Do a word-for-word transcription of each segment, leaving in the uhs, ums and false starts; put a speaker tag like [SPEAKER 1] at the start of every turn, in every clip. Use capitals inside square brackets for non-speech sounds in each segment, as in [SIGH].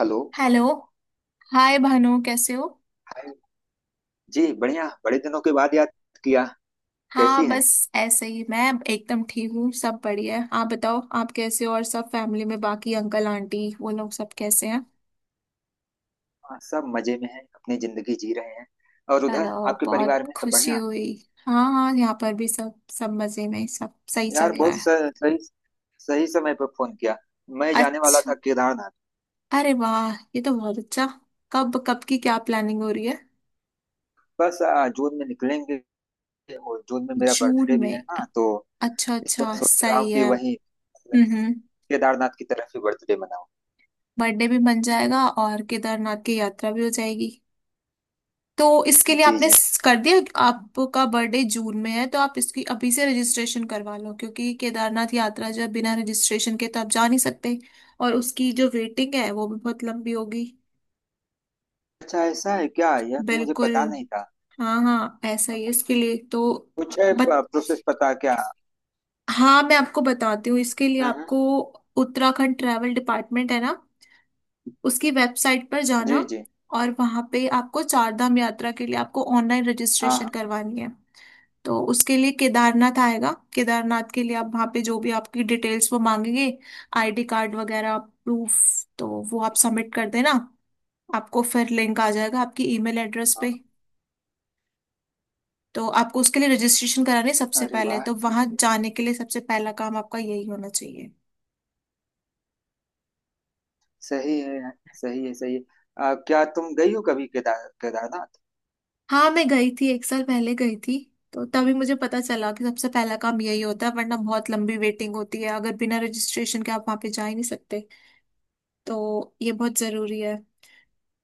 [SPEAKER 1] Hello.
[SPEAKER 2] Hello. Hi Bhanu, कैसे हो?
[SPEAKER 1] Hi. जी, बढ़िया। बड़े दिनों के बाद याद किया।
[SPEAKER 2] हाँ,
[SPEAKER 1] कैसी हैं?
[SPEAKER 2] बस ऐसे ही। मैं एकदम ठीक हूँ, सब बढ़िया है। आप बताओ, आप कैसे हो? और सब फैमिली में बाकी अंकल आंटी वो लोग सब कैसे हैं?
[SPEAKER 1] हाँ, सब मजे में हैं, अपनी जिंदगी जी रहे हैं। और उधर
[SPEAKER 2] हेलो,
[SPEAKER 1] आपके
[SPEAKER 2] बहुत
[SPEAKER 1] परिवार में सब
[SPEAKER 2] खुशी
[SPEAKER 1] बढ़िया?
[SPEAKER 2] हुई। हाँ हाँ, यहाँ पर भी सब सब मजे में, सब सही
[SPEAKER 1] यार,
[SPEAKER 2] चल रहा
[SPEAKER 1] बहुत
[SPEAKER 2] है।
[SPEAKER 1] स- सही सही समय पर फोन किया। मैं जाने वाला
[SPEAKER 2] अच्छा।
[SPEAKER 1] था केदारनाथ।
[SPEAKER 2] अरे वाह, ये तो बहुत अच्छा। कब कब की क्या प्लानिंग हो रही है?
[SPEAKER 1] बस आ, जून में निकलेंगे। और जून में मेरा
[SPEAKER 2] जून
[SPEAKER 1] बर्थडे भी है
[SPEAKER 2] में?
[SPEAKER 1] ना, तो
[SPEAKER 2] अच्छा
[SPEAKER 1] इस
[SPEAKER 2] अच्छा,
[SPEAKER 1] बार सोच रहा हूँ
[SPEAKER 2] सही
[SPEAKER 1] कि
[SPEAKER 2] है।
[SPEAKER 1] वहीं
[SPEAKER 2] हम्म
[SPEAKER 1] मतलब
[SPEAKER 2] हम्म।
[SPEAKER 1] केदारनाथ की तरफ ही बर्थडे मनाऊं।
[SPEAKER 2] बर्थडे भी बन जाएगा और केदारनाथ की यात्रा भी हो जाएगी। तो इसके लिए
[SPEAKER 1] जी
[SPEAKER 2] आपने
[SPEAKER 1] जी।
[SPEAKER 2] स- कर दिया? आपका बर्थडे जून में है तो आप इसकी अभी से रजिस्ट्रेशन करवा लो, क्योंकि केदारनाथ यात्रा जो है, बिना रजिस्ट्रेशन के तो आप जा नहीं सकते। और उसकी जो वेटिंग है वो भी बहुत लंबी होगी।
[SPEAKER 1] अच्छा, ऐसा है क्या? यह तो मुझे
[SPEAKER 2] बिल्कुल।
[SPEAKER 1] पता नहीं था।
[SPEAKER 2] हाँ हाँ, ऐसा ही है। इसके लिए तो
[SPEAKER 1] कुछ है
[SPEAKER 2] बत
[SPEAKER 1] प्रोसेस पता क्या?
[SPEAKER 2] हाँ, मैं आपको बताती हूँ। इसके लिए
[SPEAKER 1] हम्म हम्म,
[SPEAKER 2] आपको उत्तराखंड ट्रैवल डिपार्टमेंट है ना, उसकी वेबसाइट पर
[SPEAKER 1] जी
[SPEAKER 2] जाना।
[SPEAKER 1] जी।
[SPEAKER 2] और वहाँ पे आपको चारधाम यात्रा के लिए आपको ऑनलाइन
[SPEAKER 1] हाँ
[SPEAKER 2] रजिस्ट्रेशन
[SPEAKER 1] हाँ
[SPEAKER 2] करवानी है। तो उसके लिए केदारनाथ आएगा, केदारनाथ के लिए आप वहाँ पे जो भी आपकी डिटेल्स वो मांगेंगे, आईडी कार्ड वगैरह प्रूफ, तो वो आप सबमिट कर देना। आपको फिर लिंक आ जाएगा आपकी ईमेल एड्रेस
[SPEAKER 1] हाँ।
[SPEAKER 2] पे। तो आपको उसके लिए रजिस्ट्रेशन करानी है सबसे
[SPEAKER 1] अरे
[SPEAKER 2] पहले।
[SPEAKER 1] वाह,
[SPEAKER 2] तो
[SPEAKER 1] ठीक
[SPEAKER 2] वहाँ
[SPEAKER 1] है।
[SPEAKER 2] जाने के लिए सबसे पहला काम आपका यही होना चाहिए।
[SPEAKER 1] सही है यार, सही है सही है। आ, क्या तुम गई हो कभी केदार केदारनाथ?
[SPEAKER 2] हाँ, मैं गई थी, एक साल पहले गई थी। तो तभी मुझे पता चला कि सबसे पहला काम यही होता है, वरना बहुत लंबी वेटिंग होती है, अगर बिना रजिस्ट्रेशन के आप वहाँ पे जा ही नहीं सकते। तो ये बहुत जरूरी है।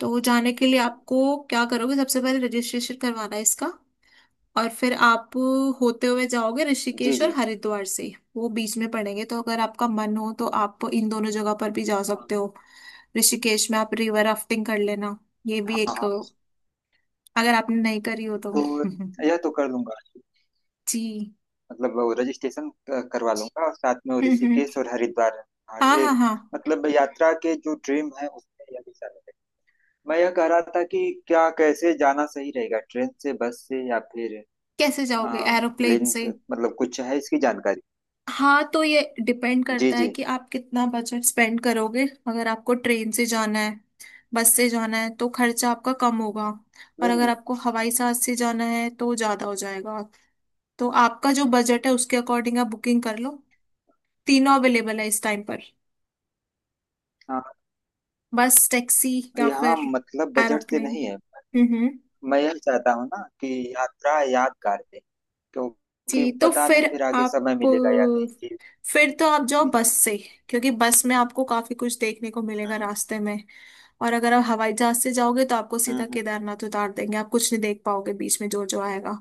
[SPEAKER 2] तो वो जाने के लिए आपको क्या करोगे, सबसे पहले रजिस्ट्रेशन करवाना है इसका। और फिर आप होते हुए जाओगे
[SPEAKER 1] जी
[SPEAKER 2] ऋषिकेश और
[SPEAKER 1] जी।
[SPEAKER 2] हरिद्वार से, वो बीच में पड़ेंगे, तो अगर आपका मन हो तो आप इन दोनों जगह पर भी जा
[SPEAKER 1] हाँ
[SPEAKER 2] सकते हो। ऋषिकेश में आप रिवर राफ्टिंग कर लेना, ये भी
[SPEAKER 1] हाँ
[SPEAKER 2] एक,
[SPEAKER 1] हाँ।
[SPEAKER 2] अगर आपने नहीं करी हो तो।
[SPEAKER 1] तो यह
[SPEAKER 2] [LAUGHS]
[SPEAKER 1] तो कर लूंगा।
[SPEAKER 2] जी।
[SPEAKER 1] मतलब वो रजिस्ट्रेशन क- करवा लूंगा, और साथ में वो
[SPEAKER 2] हम्म हम्म।
[SPEAKER 1] ऋषिकेश और हरिद्वार और
[SPEAKER 2] हाँ
[SPEAKER 1] ये।
[SPEAKER 2] हाँ हाँ।
[SPEAKER 1] मतलब यात्रा के जो ड्रीम है उसमें यह भी शामिल है। मैं यह कह रहा था कि क्या कैसे जाना सही रहेगा, ट्रेन से, बस से, या फिर
[SPEAKER 2] कैसे जाओगे,
[SPEAKER 1] आ,
[SPEAKER 2] एरोप्लेन
[SPEAKER 1] प्लेन
[SPEAKER 2] से?
[SPEAKER 1] के? मतलब कुछ है इसकी जानकारी?
[SPEAKER 2] हाँ, तो ये डिपेंड
[SPEAKER 1] जी
[SPEAKER 2] करता है
[SPEAKER 1] जी।
[SPEAKER 2] कि आप कितना बजट स्पेंड करोगे। अगर आपको ट्रेन से जाना है, बस से जाना है, तो खर्चा आपका कम होगा। और
[SPEAKER 1] नहीं
[SPEAKER 2] अगर
[SPEAKER 1] नहीं,
[SPEAKER 2] आपको हवाई जहाज से जाना है तो ज़्यादा हो जाएगा। तो आपका जो बजट है उसके अकॉर्डिंग आप बुकिंग कर लो। तीनों अवेलेबल है इस टाइम पर, बस, टैक्सी, या
[SPEAKER 1] यहाँ
[SPEAKER 2] फिर
[SPEAKER 1] मतलब बजट से
[SPEAKER 2] एरोप्लेन।
[SPEAKER 1] नहीं है।
[SPEAKER 2] हम्म हम्म।
[SPEAKER 1] मैं यह चाहता हूँ ना कि यात्रा यादगार रहे, क्योंकि
[SPEAKER 2] जी, तो
[SPEAKER 1] पता नहीं
[SPEAKER 2] फिर
[SPEAKER 1] फिर आगे
[SPEAKER 2] आप,
[SPEAKER 1] समय मिलेगा या नहीं जी।
[SPEAKER 2] फिर तो आप जाओ
[SPEAKER 1] जी जी।
[SPEAKER 2] बस से। क्योंकि बस में आपको काफी कुछ देखने को मिलेगा
[SPEAKER 1] हम्म
[SPEAKER 2] रास्ते में। और अगर आप हवाई जहाज से जाओगे तो आपको
[SPEAKER 1] हम्म,
[SPEAKER 2] सीधा
[SPEAKER 1] हम्म।
[SPEAKER 2] केदारनाथ उतार देंगे, आप कुछ नहीं देख पाओगे बीच में जो जो आएगा।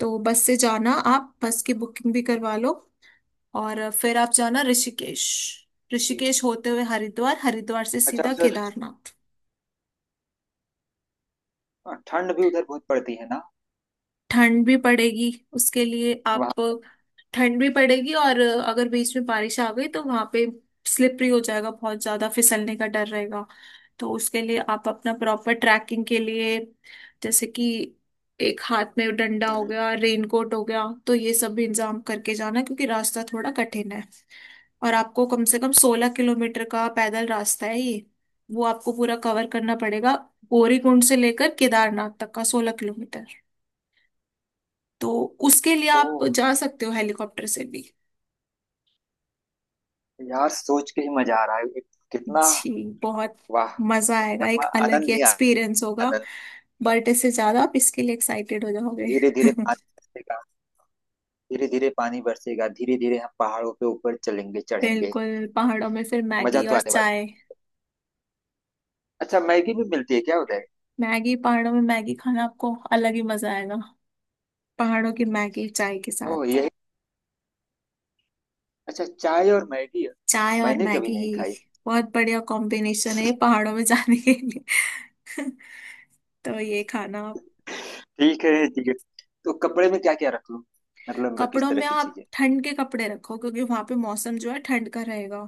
[SPEAKER 2] तो बस से जाना, आप बस की बुकिंग भी करवा लो। और फिर आप जाना ऋषिकेश,
[SPEAKER 1] जी।
[SPEAKER 2] ऋषिकेश होते हुए हरिद्वार, हरिद्वार से
[SPEAKER 1] अच्छा,
[SPEAKER 2] सीधा
[SPEAKER 1] उधर
[SPEAKER 2] केदारनाथ।
[SPEAKER 1] हाँ, ठंड भी उधर बहुत पड़ती है ना
[SPEAKER 2] ठंड भी पड़ेगी, उसके लिए आप,
[SPEAKER 1] वहाँ?
[SPEAKER 2] ठंड भी पड़ेगी, और अगर बीच में बारिश आ गई तो वहां पे स्लिपरी हो जाएगा, बहुत ज्यादा फिसलने का डर रहेगा। तो उसके लिए आप अपना प्रॉपर ट्रैकिंग के लिए, जैसे कि एक हाथ में डंडा हो
[SPEAKER 1] हम्म।
[SPEAKER 2] गया, रेनकोट हो गया, तो ये सब भी इंतजाम करके जाना, क्योंकि रास्ता थोड़ा कठिन है। और आपको कम से कम सोलह किलोमीटर का पैदल रास्ता है ये, वो आपको पूरा कवर करना पड़ेगा। गौरीकुंड से लेकर केदारनाथ तक का सोलह किलोमीटर। तो उसके लिए आप
[SPEAKER 1] ओह,
[SPEAKER 2] जा सकते हो हेलीकॉप्टर से भी।
[SPEAKER 1] यार सोच के ही मजा आ रहा है कितना,
[SPEAKER 2] जी बहुत।
[SPEAKER 1] वाह!
[SPEAKER 2] मजा आएगा,
[SPEAKER 1] मतलब
[SPEAKER 2] एक अलग
[SPEAKER 1] आनंद
[SPEAKER 2] ही
[SPEAKER 1] ही
[SPEAKER 2] एक्सपीरियंस होगा।
[SPEAKER 1] आनंद।
[SPEAKER 2] बट इससे ज्यादा आप इसके लिए एक्साइटेड हो जाओगे।
[SPEAKER 1] धीरे धीरे
[SPEAKER 2] [LAUGHS]
[SPEAKER 1] पानी बरसेगा। धीरे धीरे पानी बरसेगा, धीरे धीरे हम पहाड़ों के ऊपर चलेंगे, चढ़ेंगे।
[SPEAKER 2] बिल्कुल, पहाड़ों में फिर
[SPEAKER 1] मजा
[SPEAKER 2] मैगी
[SPEAKER 1] तो
[SPEAKER 2] और
[SPEAKER 1] आने वाला है।
[SPEAKER 2] चाय।
[SPEAKER 1] अच्छा, मैगी भी मिलती है क्या उधर?
[SPEAKER 2] मैगी, पहाड़ों में मैगी खाना, आपको अलग ही मजा आएगा। पहाड़ों की मैगी चाय के
[SPEAKER 1] ओह,
[SPEAKER 2] साथ।
[SPEAKER 1] यही अच्छा, चाय और मैगी।
[SPEAKER 2] चाय और
[SPEAKER 1] मैंने कभी
[SPEAKER 2] मैगी
[SPEAKER 1] नहीं
[SPEAKER 2] ही
[SPEAKER 1] खाई।
[SPEAKER 2] बहुत बढ़िया कॉम्बिनेशन है ये पहाड़ों में जाने के लिए। [LAUGHS] तो ये खाना आप।
[SPEAKER 1] ठीक है ठीक है। तो कपड़े में क्या क्या रख लूं, मतलब किस
[SPEAKER 2] कपड़ों
[SPEAKER 1] तरह
[SPEAKER 2] में
[SPEAKER 1] की
[SPEAKER 2] आप
[SPEAKER 1] चीजें?
[SPEAKER 2] ठंड के कपड़े रखो, क्योंकि वहां पे मौसम जो है ठंड का रहेगा,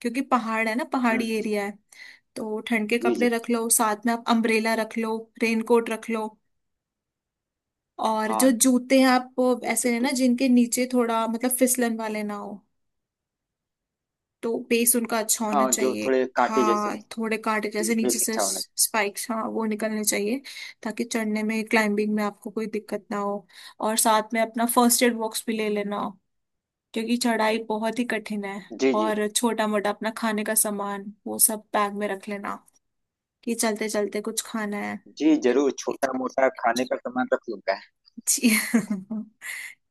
[SPEAKER 2] क्योंकि पहाड़ है ना,
[SPEAKER 1] हम्म।
[SPEAKER 2] पहाड़ी एरिया है। तो ठंड के
[SPEAKER 1] जी
[SPEAKER 2] कपड़े
[SPEAKER 1] जी।
[SPEAKER 2] रख लो, साथ में आप अम्ब्रेला रख लो, रेनकोट रख लो। और जो
[SPEAKER 1] हाँ,
[SPEAKER 2] जूते हैं आप वो
[SPEAKER 1] यह सब
[SPEAKER 2] ऐसे है ना,
[SPEAKER 1] तो।
[SPEAKER 2] जिनके नीचे थोड़ा, मतलब, फिसलन वाले ना हो। तो बेस उनका अच्छा होना
[SPEAKER 1] हाँ, जो
[SPEAKER 2] चाहिए,
[SPEAKER 1] थोड़े कांटे जैसे
[SPEAKER 2] हाँ,
[SPEAKER 1] नहीं।
[SPEAKER 2] थोड़े कांटे
[SPEAKER 1] जी,
[SPEAKER 2] जैसे
[SPEAKER 1] ये
[SPEAKER 2] नीचे से,
[SPEAKER 1] अच्छा वाला।
[SPEAKER 2] स्पाइक्स, हाँ, वो निकलने चाहिए, ताकि चढ़ने में, क्लाइंबिंग में, आपको कोई दिक्कत ना हो। और साथ में अपना फर्स्ट एड बॉक्स भी ले लेना, क्योंकि चढ़ाई बहुत ही कठिन है।
[SPEAKER 1] जी जी।
[SPEAKER 2] और छोटा मोटा अपना खाने का सामान वो सब बैग में रख लेना, कि चलते चलते कुछ खाना है।
[SPEAKER 1] जी, जरूर छोटा मोटा खाने का सामान रख लूंगा।
[SPEAKER 2] जी। [LAUGHS]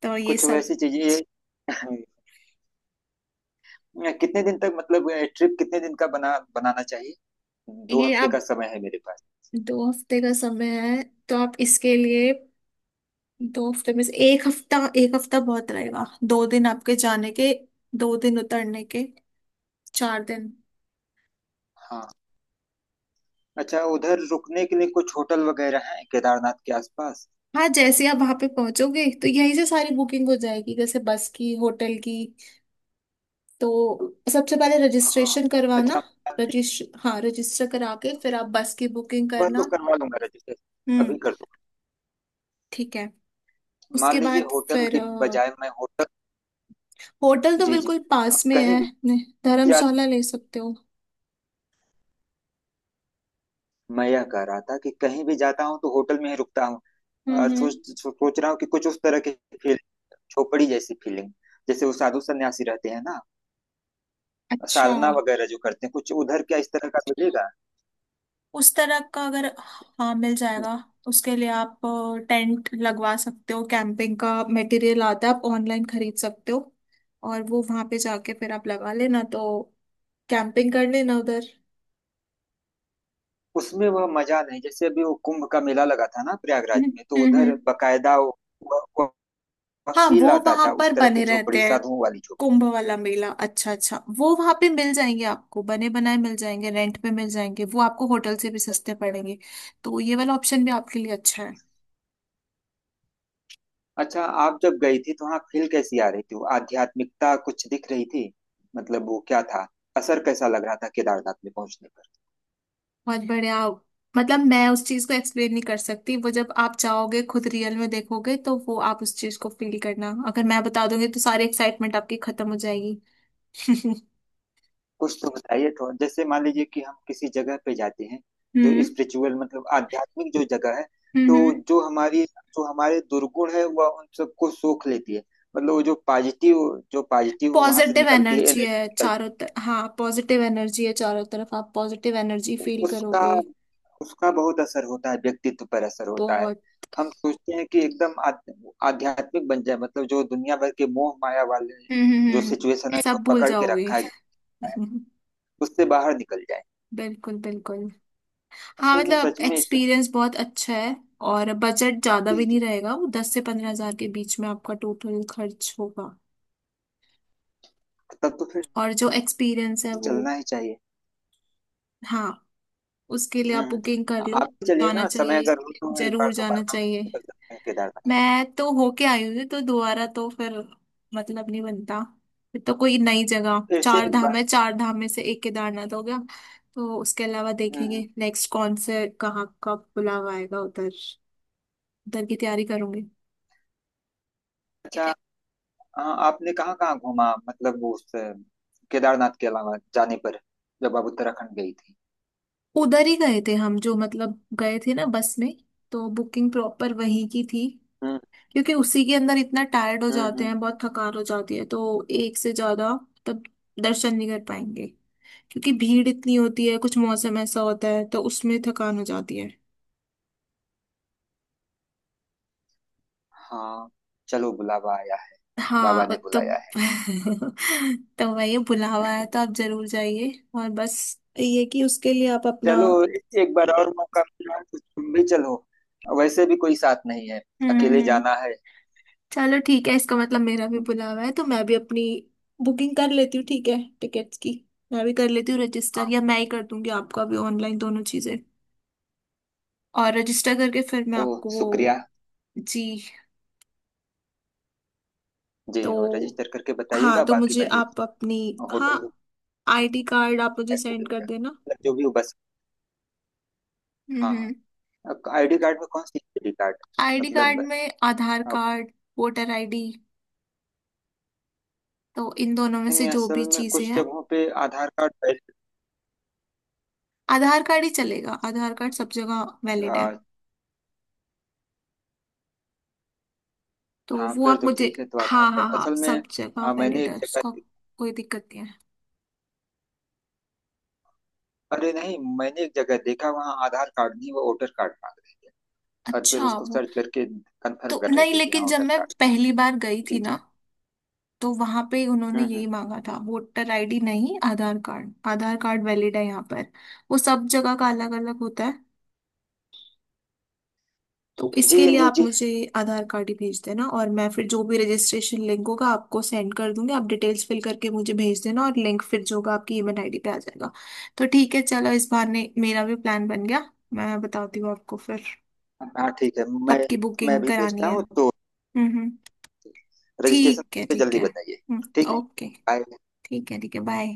[SPEAKER 2] तो ये
[SPEAKER 1] कुछ
[SPEAKER 2] सब।
[SPEAKER 1] वैसी चीजें। [LAUGHS] कितने दिन तक मतलब ट्रिप कितने दिन का बना बनाना चाहिए? दो
[SPEAKER 2] ये
[SPEAKER 1] हफ्ते का
[SPEAKER 2] आप,
[SPEAKER 1] समय है मेरे पास।
[SPEAKER 2] दो हफ्ते का समय है, तो आप इसके लिए दो हफ्ते में से एक हफ्ता, एक हफ्ता बहुत रहेगा। दो दिन आपके जाने के, दो दिन उतरने के, चार दिन।
[SPEAKER 1] हाँ। अच्छा, उधर रुकने के लिए कुछ होटल वगैरह हैं केदारनाथ के आसपास?
[SPEAKER 2] हाँ, जैसे ही आप वहां पे पहुंचोगे तो यहीं से सारी बुकिंग हो जाएगी, जैसे बस की, होटल की। तो सबसे पहले
[SPEAKER 1] हाँ।
[SPEAKER 2] रजिस्ट्रेशन करवाना।
[SPEAKER 1] अच्छा,
[SPEAKER 2] रजिस्ट्र हाँ, रजिस्टर करा के फिर आप बस की बुकिंग
[SPEAKER 1] वह
[SPEAKER 2] करना।
[SPEAKER 1] तो करवा लूंगा रजिस्टर।
[SPEAKER 2] हम्म।
[SPEAKER 1] अभी कर दूंगा।
[SPEAKER 2] ठीक है।
[SPEAKER 1] मान
[SPEAKER 2] उसके
[SPEAKER 1] लीजिए
[SPEAKER 2] बाद
[SPEAKER 1] होटल
[SPEAKER 2] फिर
[SPEAKER 1] की बजाय मैं होटल।
[SPEAKER 2] होटल, तो
[SPEAKER 1] जी जी।
[SPEAKER 2] बिल्कुल
[SPEAKER 1] अ,
[SPEAKER 2] पास में
[SPEAKER 1] कहीं
[SPEAKER 2] है
[SPEAKER 1] भी
[SPEAKER 2] नहीं,
[SPEAKER 1] जा।
[SPEAKER 2] धर्मशाला ले सकते हो।
[SPEAKER 1] मैं यह कह रहा था कि कहीं भी जाता हूँ तो होटल में ही रुकता हूँ। अ,
[SPEAKER 2] हम्म हम्म।
[SPEAKER 1] सोच सोच रहा हूँ कि कुछ उस तरह की फील, झोपड़ी जैसी फीलिंग, जैसे वो साधु सन्यासी रहते हैं ना,
[SPEAKER 2] अच्छा,
[SPEAKER 1] साधना वगैरह जो करते हैं, कुछ उधर क्या इस तरह का मिलेगा?
[SPEAKER 2] उस तरह का अगर, हाँ, मिल जाएगा। उसके लिए आप टेंट लगवा सकते हो, कैंपिंग का मटेरियल आता है, आप ऑनलाइन खरीद सकते हो। और वो वहां पे जाके फिर आप लगा लेना, तो कैंपिंग कर लेना उधर।
[SPEAKER 1] उसमें वह मजा नहीं, जैसे अभी वो कुंभ का मेला लगा था ना प्रयागराज
[SPEAKER 2] हम्म
[SPEAKER 1] में, तो
[SPEAKER 2] हम्म।
[SPEAKER 1] उधर बकायदा वो, वह
[SPEAKER 2] हाँ, वो
[SPEAKER 1] फील आता
[SPEAKER 2] वहां
[SPEAKER 1] था,
[SPEAKER 2] पर
[SPEAKER 1] उस तरह की
[SPEAKER 2] बने
[SPEAKER 1] झोपड़ी,
[SPEAKER 2] रहते हैं।
[SPEAKER 1] साधुओं वाली झोपड़ी।
[SPEAKER 2] कुंभ वाला मेला, अच्छा अच्छा, वो वहां पे मिल जाएंगे आपको, बने बनाए मिल जाएंगे, रेंट पे मिल जाएंगे, वो आपको होटल से भी सस्ते पड़ेंगे। तो ये वाला ऑप्शन भी आपके लिए अच्छा है।
[SPEAKER 1] अच्छा, आप जब गई थी तो वहां फील कैसी आ रही थी? वो आध्यात्मिकता कुछ दिख रही थी? मतलब वो क्या था? असर कैसा लग रहा था केदारनाथ में पहुंचने पर?
[SPEAKER 2] बहुत बढ़िया। मतलब, मैं उस चीज को एक्सप्लेन नहीं कर सकती, वो जब आप जाओगे खुद रियल में देखोगे, तो वो आप उस चीज को फील करना। अगर मैं बता दूंगी तो सारी एक्साइटमेंट आपकी खत्म हो जाएगी। [LAUGHS]
[SPEAKER 1] कुछ तो बताइए थोड़ा। जैसे मान लीजिए कि हम किसी जगह पे जाते हैं जो
[SPEAKER 2] हम्म
[SPEAKER 1] स्पिरिचुअल, मतलब आध्यात्मिक जो जगह है, तो
[SPEAKER 2] हम्म।
[SPEAKER 1] जो हमारी जो हमारे दुर्गुण है वह उन सबको सोख लेती है। मतलब वो जो पॉजिटिव जो पॉजिटिव वहां से
[SPEAKER 2] पॉजिटिव
[SPEAKER 1] निकलती है
[SPEAKER 2] एनर्जी है
[SPEAKER 1] एनर्जी,
[SPEAKER 2] चारों तरफ, हाँ, पॉजिटिव एनर्जी है चारों तरफ, आप पॉजिटिव एनर्जी फील
[SPEAKER 1] उसका
[SPEAKER 2] करोगे।
[SPEAKER 1] उसका बहुत असर होता है, व्यक्तित्व पर असर होता है।
[SPEAKER 2] बहुत।
[SPEAKER 1] हम सोचते हैं कि एकदम आध्य- आध्यात्मिक बन जाए, मतलब जो दुनिया भर के मोह माया वाले
[SPEAKER 2] हम्म हम्म
[SPEAKER 1] जो
[SPEAKER 2] हम्म।
[SPEAKER 1] सिचुएशन है, जो
[SPEAKER 2] सब भूल
[SPEAKER 1] पकड़ के
[SPEAKER 2] जाओगे।
[SPEAKER 1] रखा गया है,
[SPEAKER 2] [LAUGHS]
[SPEAKER 1] उससे बाहर निकल जाए।
[SPEAKER 2] बिल्कुल बिल्कुल। हाँ,
[SPEAKER 1] असल में
[SPEAKER 2] मतलब
[SPEAKER 1] सच में इस
[SPEAKER 2] एक्सपीरियंस बहुत अच्छा है। और बजट ज्यादा भी
[SPEAKER 1] इस-
[SPEAKER 2] नहीं रहेगा, वो दस से पंद्रह हजार के बीच में आपका टोटल खर्च होगा।
[SPEAKER 1] तब तो फिर
[SPEAKER 2] और जो एक्सपीरियंस है वो,
[SPEAKER 1] चलना ही चाहिए।
[SPEAKER 2] हाँ, उसके लिए आप
[SPEAKER 1] हम्म।
[SPEAKER 2] बुकिंग कर लो।
[SPEAKER 1] आप भी चलिए
[SPEAKER 2] जाना
[SPEAKER 1] ना, समय
[SPEAKER 2] चाहिए,
[SPEAKER 1] अगर हो तो एक बार
[SPEAKER 2] जरूर जाना
[SPEAKER 1] दोबारा
[SPEAKER 2] चाहिए।
[SPEAKER 1] निकल सकते हैं केदारनाथ,
[SPEAKER 2] मैं तो होके आई हूँ, तो दोबारा तो फिर, मतलब, नहीं बनता। फिर तो कोई नई जगह,
[SPEAKER 1] फिर से
[SPEAKER 2] चार
[SPEAKER 1] एक बार।
[SPEAKER 2] धाम है, चार धाम में से एक केदारनाथ हो गया। तो उसके अलावा
[SPEAKER 1] हम्म।
[SPEAKER 2] देखेंगे नेक्स्ट कौन से, कहाँ कब बुलावा आएगा उधर, उधर की तैयारी करूंगी।
[SPEAKER 1] अच्छा, आ, आपने कहाँ कहाँ घूमा, मतलब उस अ, केदारनाथ के अलावा जाने पर, जब आप उत्तराखंड गई थी?
[SPEAKER 2] उधर ही गए थे हम, जो, मतलब, गए थे ना बस में, तो बुकिंग प्रॉपर वहीं की थी।
[SPEAKER 1] हम्म
[SPEAKER 2] क्योंकि उसी के अंदर इतना टायर्ड हो
[SPEAKER 1] हम्म
[SPEAKER 2] जाते
[SPEAKER 1] हम्म।
[SPEAKER 2] हैं, बहुत थकान हो जाती है, तो एक से ज्यादा, तब दर्शन नहीं कर पाएंगे, क्योंकि भीड़ इतनी होती है, कुछ मौसम ऐसा होता है तो उसमें थकान हो जाती है।
[SPEAKER 1] हाँ, चलो बुलावा आया है।
[SPEAKER 2] हाँ,
[SPEAKER 1] बाबा
[SPEAKER 2] और
[SPEAKER 1] ने
[SPEAKER 2] तो
[SPEAKER 1] बुलाया है।
[SPEAKER 2] [LAUGHS] तो भाई ये [LAUGHS] बुलावा है तो आप जरूर जाइए। और बस, ये कि उसके लिए आप अपना,
[SPEAKER 1] चलो, एक बार और मौका मिला तो तुम भी चलो, वैसे भी कोई साथ नहीं है,
[SPEAKER 2] हम्म
[SPEAKER 1] अकेले
[SPEAKER 2] हम्म,
[SPEAKER 1] जाना है।
[SPEAKER 2] चलो ठीक है, इसका मतलब मेरा भी बुलावा है। तो मैं भी अपनी बुकिंग कर लेती हूँ, ठीक है, टिकट्स की। मैं भी कर लेती हूँ रजिस्टर,
[SPEAKER 1] हाँ।
[SPEAKER 2] या मैं ही कर दूंगी आपका भी ऑनलाइन, दोनों चीजें। और रजिस्टर करके फिर मैं
[SPEAKER 1] ओ,
[SPEAKER 2] आपको
[SPEAKER 1] शुक्रिया।
[SPEAKER 2] वो, जी,
[SPEAKER 1] जी,
[SPEAKER 2] तो
[SPEAKER 1] और रजिस्टर करके
[SPEAKER 2] हाँ,
[SPEAKER 1] बताइएगा,
[SPEAKER 2] तो
[SPEAKER 1] बाकी
[SPEAKER 2] मुझे
[SPEAKER 1] मैं
[SPEAKER 2] आप
[SPEAKER 1] देखूँ।
[SPEAKER 2] अपनी, हाँ,
[SPEAKER 1] होटल
[SPEAKER 2] आईडी कार्ड आप मुझे सेंड
[SPEAKER 1] बुकिंग
[SPEAKER 2] कर
[SPEAKER 1] का
[SPEAKER 2] देना।
[SPEAKER 1] मतलब जो भी हो बस। हाँ।
[SPEAKER 2] हम्म।
[SPEAKER 1] हाँ, आईडी कार्ड में कौन सी आईडी कार्ड
[SPEAKER 2] आईडी
[SPEAKER 1] मतलब?
[SPEAKER 2] कार्ड में आधार कार्ड, वोटर आईडी, तो इन दोनों में से
[SPEAKER 1] नहीं,
[SPEAKER 2] जो भी
[SPEAKER 1] असल में
[SPEAKER 2] चीजें
[SPEAKER 1] कुछ
[SPEAKER 2] हैं,
[SPEAKER 1] जगहों पे आधार कार्ड पहले।
[SPEAKER 2] आधार कार्ड ही चलेगा, आधार कार्ड सब जगह वैलिड है।
[SPEAKER 1] आ,
[SPEAKER 2] तो
[SPEAKER 1] हाँ,
[SPEAKER 2] वो
[SPEAKER 1] फिर
[SPEAKER 2] आप
[SPEAKER 1] तो
[SPEAKER 2] मुझे,
[SPEAKER 1] ठीक है, तो आधार
[SPEAKER 2] हाँ हाँ
[SPEAKER 1] कार्ड
[SPEAKER 2] हाँ,
[SPEAKER 1] असल
[SPEAKER 2] सब
[SPEAKER 1] में।
[SPEAKER 2] जगह
[SPEAKER 1] आ, मैंने
[SPEAKER 2] वैलिड
[SPEAKER 1] एक
[SPEAKER 2] है
[SPEAKER 1] जगह
[SPEAKER 2] उसका,
[SPEAKER 1] दे-
[SPEAKER 2] कोई दिक्कत नहीं है।
[SPEAKER 1] अरे नहीं, मैंने एक जगह देखा वहाँ आधार कार्ड नहीं, वो वोटर कार्ड मांग रहे थे, और फिर
[SPEAKER 2] अच्छा
[SPEAKER 1] उसको
[SPEAKER 2] वो,
[SPEAKER 1] सर्च करके कंफर्म
[SPEAKER 2] तो
[SPEAKER 1] कर रहे
[SPEAKER 2] नहीं,
[SPEAKER 1] थे कि हाँ
[SPEAKER 2] लेकिन जब
[SPEAKER 1] वोटर
[SPEAKER 2] मैं
[SPEAKER 1] कार्ड।
[SPEAKER 2] पहली बार गई
[SPEAKER 1] जी
[SPEAKER 2] थी ना,
[SPEAKER 1] जी।
[SPEAKER 2] तो वहां पे उन्होंने
[SPEAKER 1] हम्म हम्म।
[SPEAKER 2] यही मांगा था, वोटर आईडी नहीं, Aadhaar card, Aadhaar card valid है यहाँ पर। वो सब जगह का अलग अलग होता है। तो
[SPEAKER 1] जी
[SPEAKER 2] इसके लिए
[SPEAKER 1] अंजू
[SPEAKER 2] आप
[SPEAKER 1] जी।
[SPEAKER 2] मुझे आधार कार्ड ही भेज देना, और मैं फिर जो भी रजिस्ट्रेशन लिंक होगा आपको सेंड कर दूंगी, आप डिटेल्स फिल करके मुझे भेज देना, और लिंक फिर जो होगा आपकी ईमेल आईडी पे आ जाएगा। तो ठीक है, चलो, इस बहाने मेरा भी प्लान बन गया। मैं बताती हूँ आपको फिर,
[SPEAKER 1] हाँ ठीक है। मैं
[SPEAKER 2] कब की
[SPEAKER 1] मैं
[SPEAKER 2] बुकिंग
[SPEAKER 1] भी
[SPEAKER 2] करानी
[SPEAKER 1] भेजता
[SPEAKER 2] है।
[SPEAKER 1] हूँ, तो
[SPEAKER 2] हम्म हम्म।
[SPEAKER 1] रजिस्ट्रेशन
[SPEAKER 2] ठीक है
[SPEAKER 1] पे
[SPEAKER 2] ठीक
[SPEAKER 1] जल्दी
[SPEAKER 2] है,
[SPEAKER 1] बताइए।
[SPEAKER 2] हम्म।
[SPEAKER 1] ठीक है।
[SPEAKER 2] ओके।
[SPEAKER 1] बाय।
[SPEAKER 2] ठीक है ठीक है, बाय।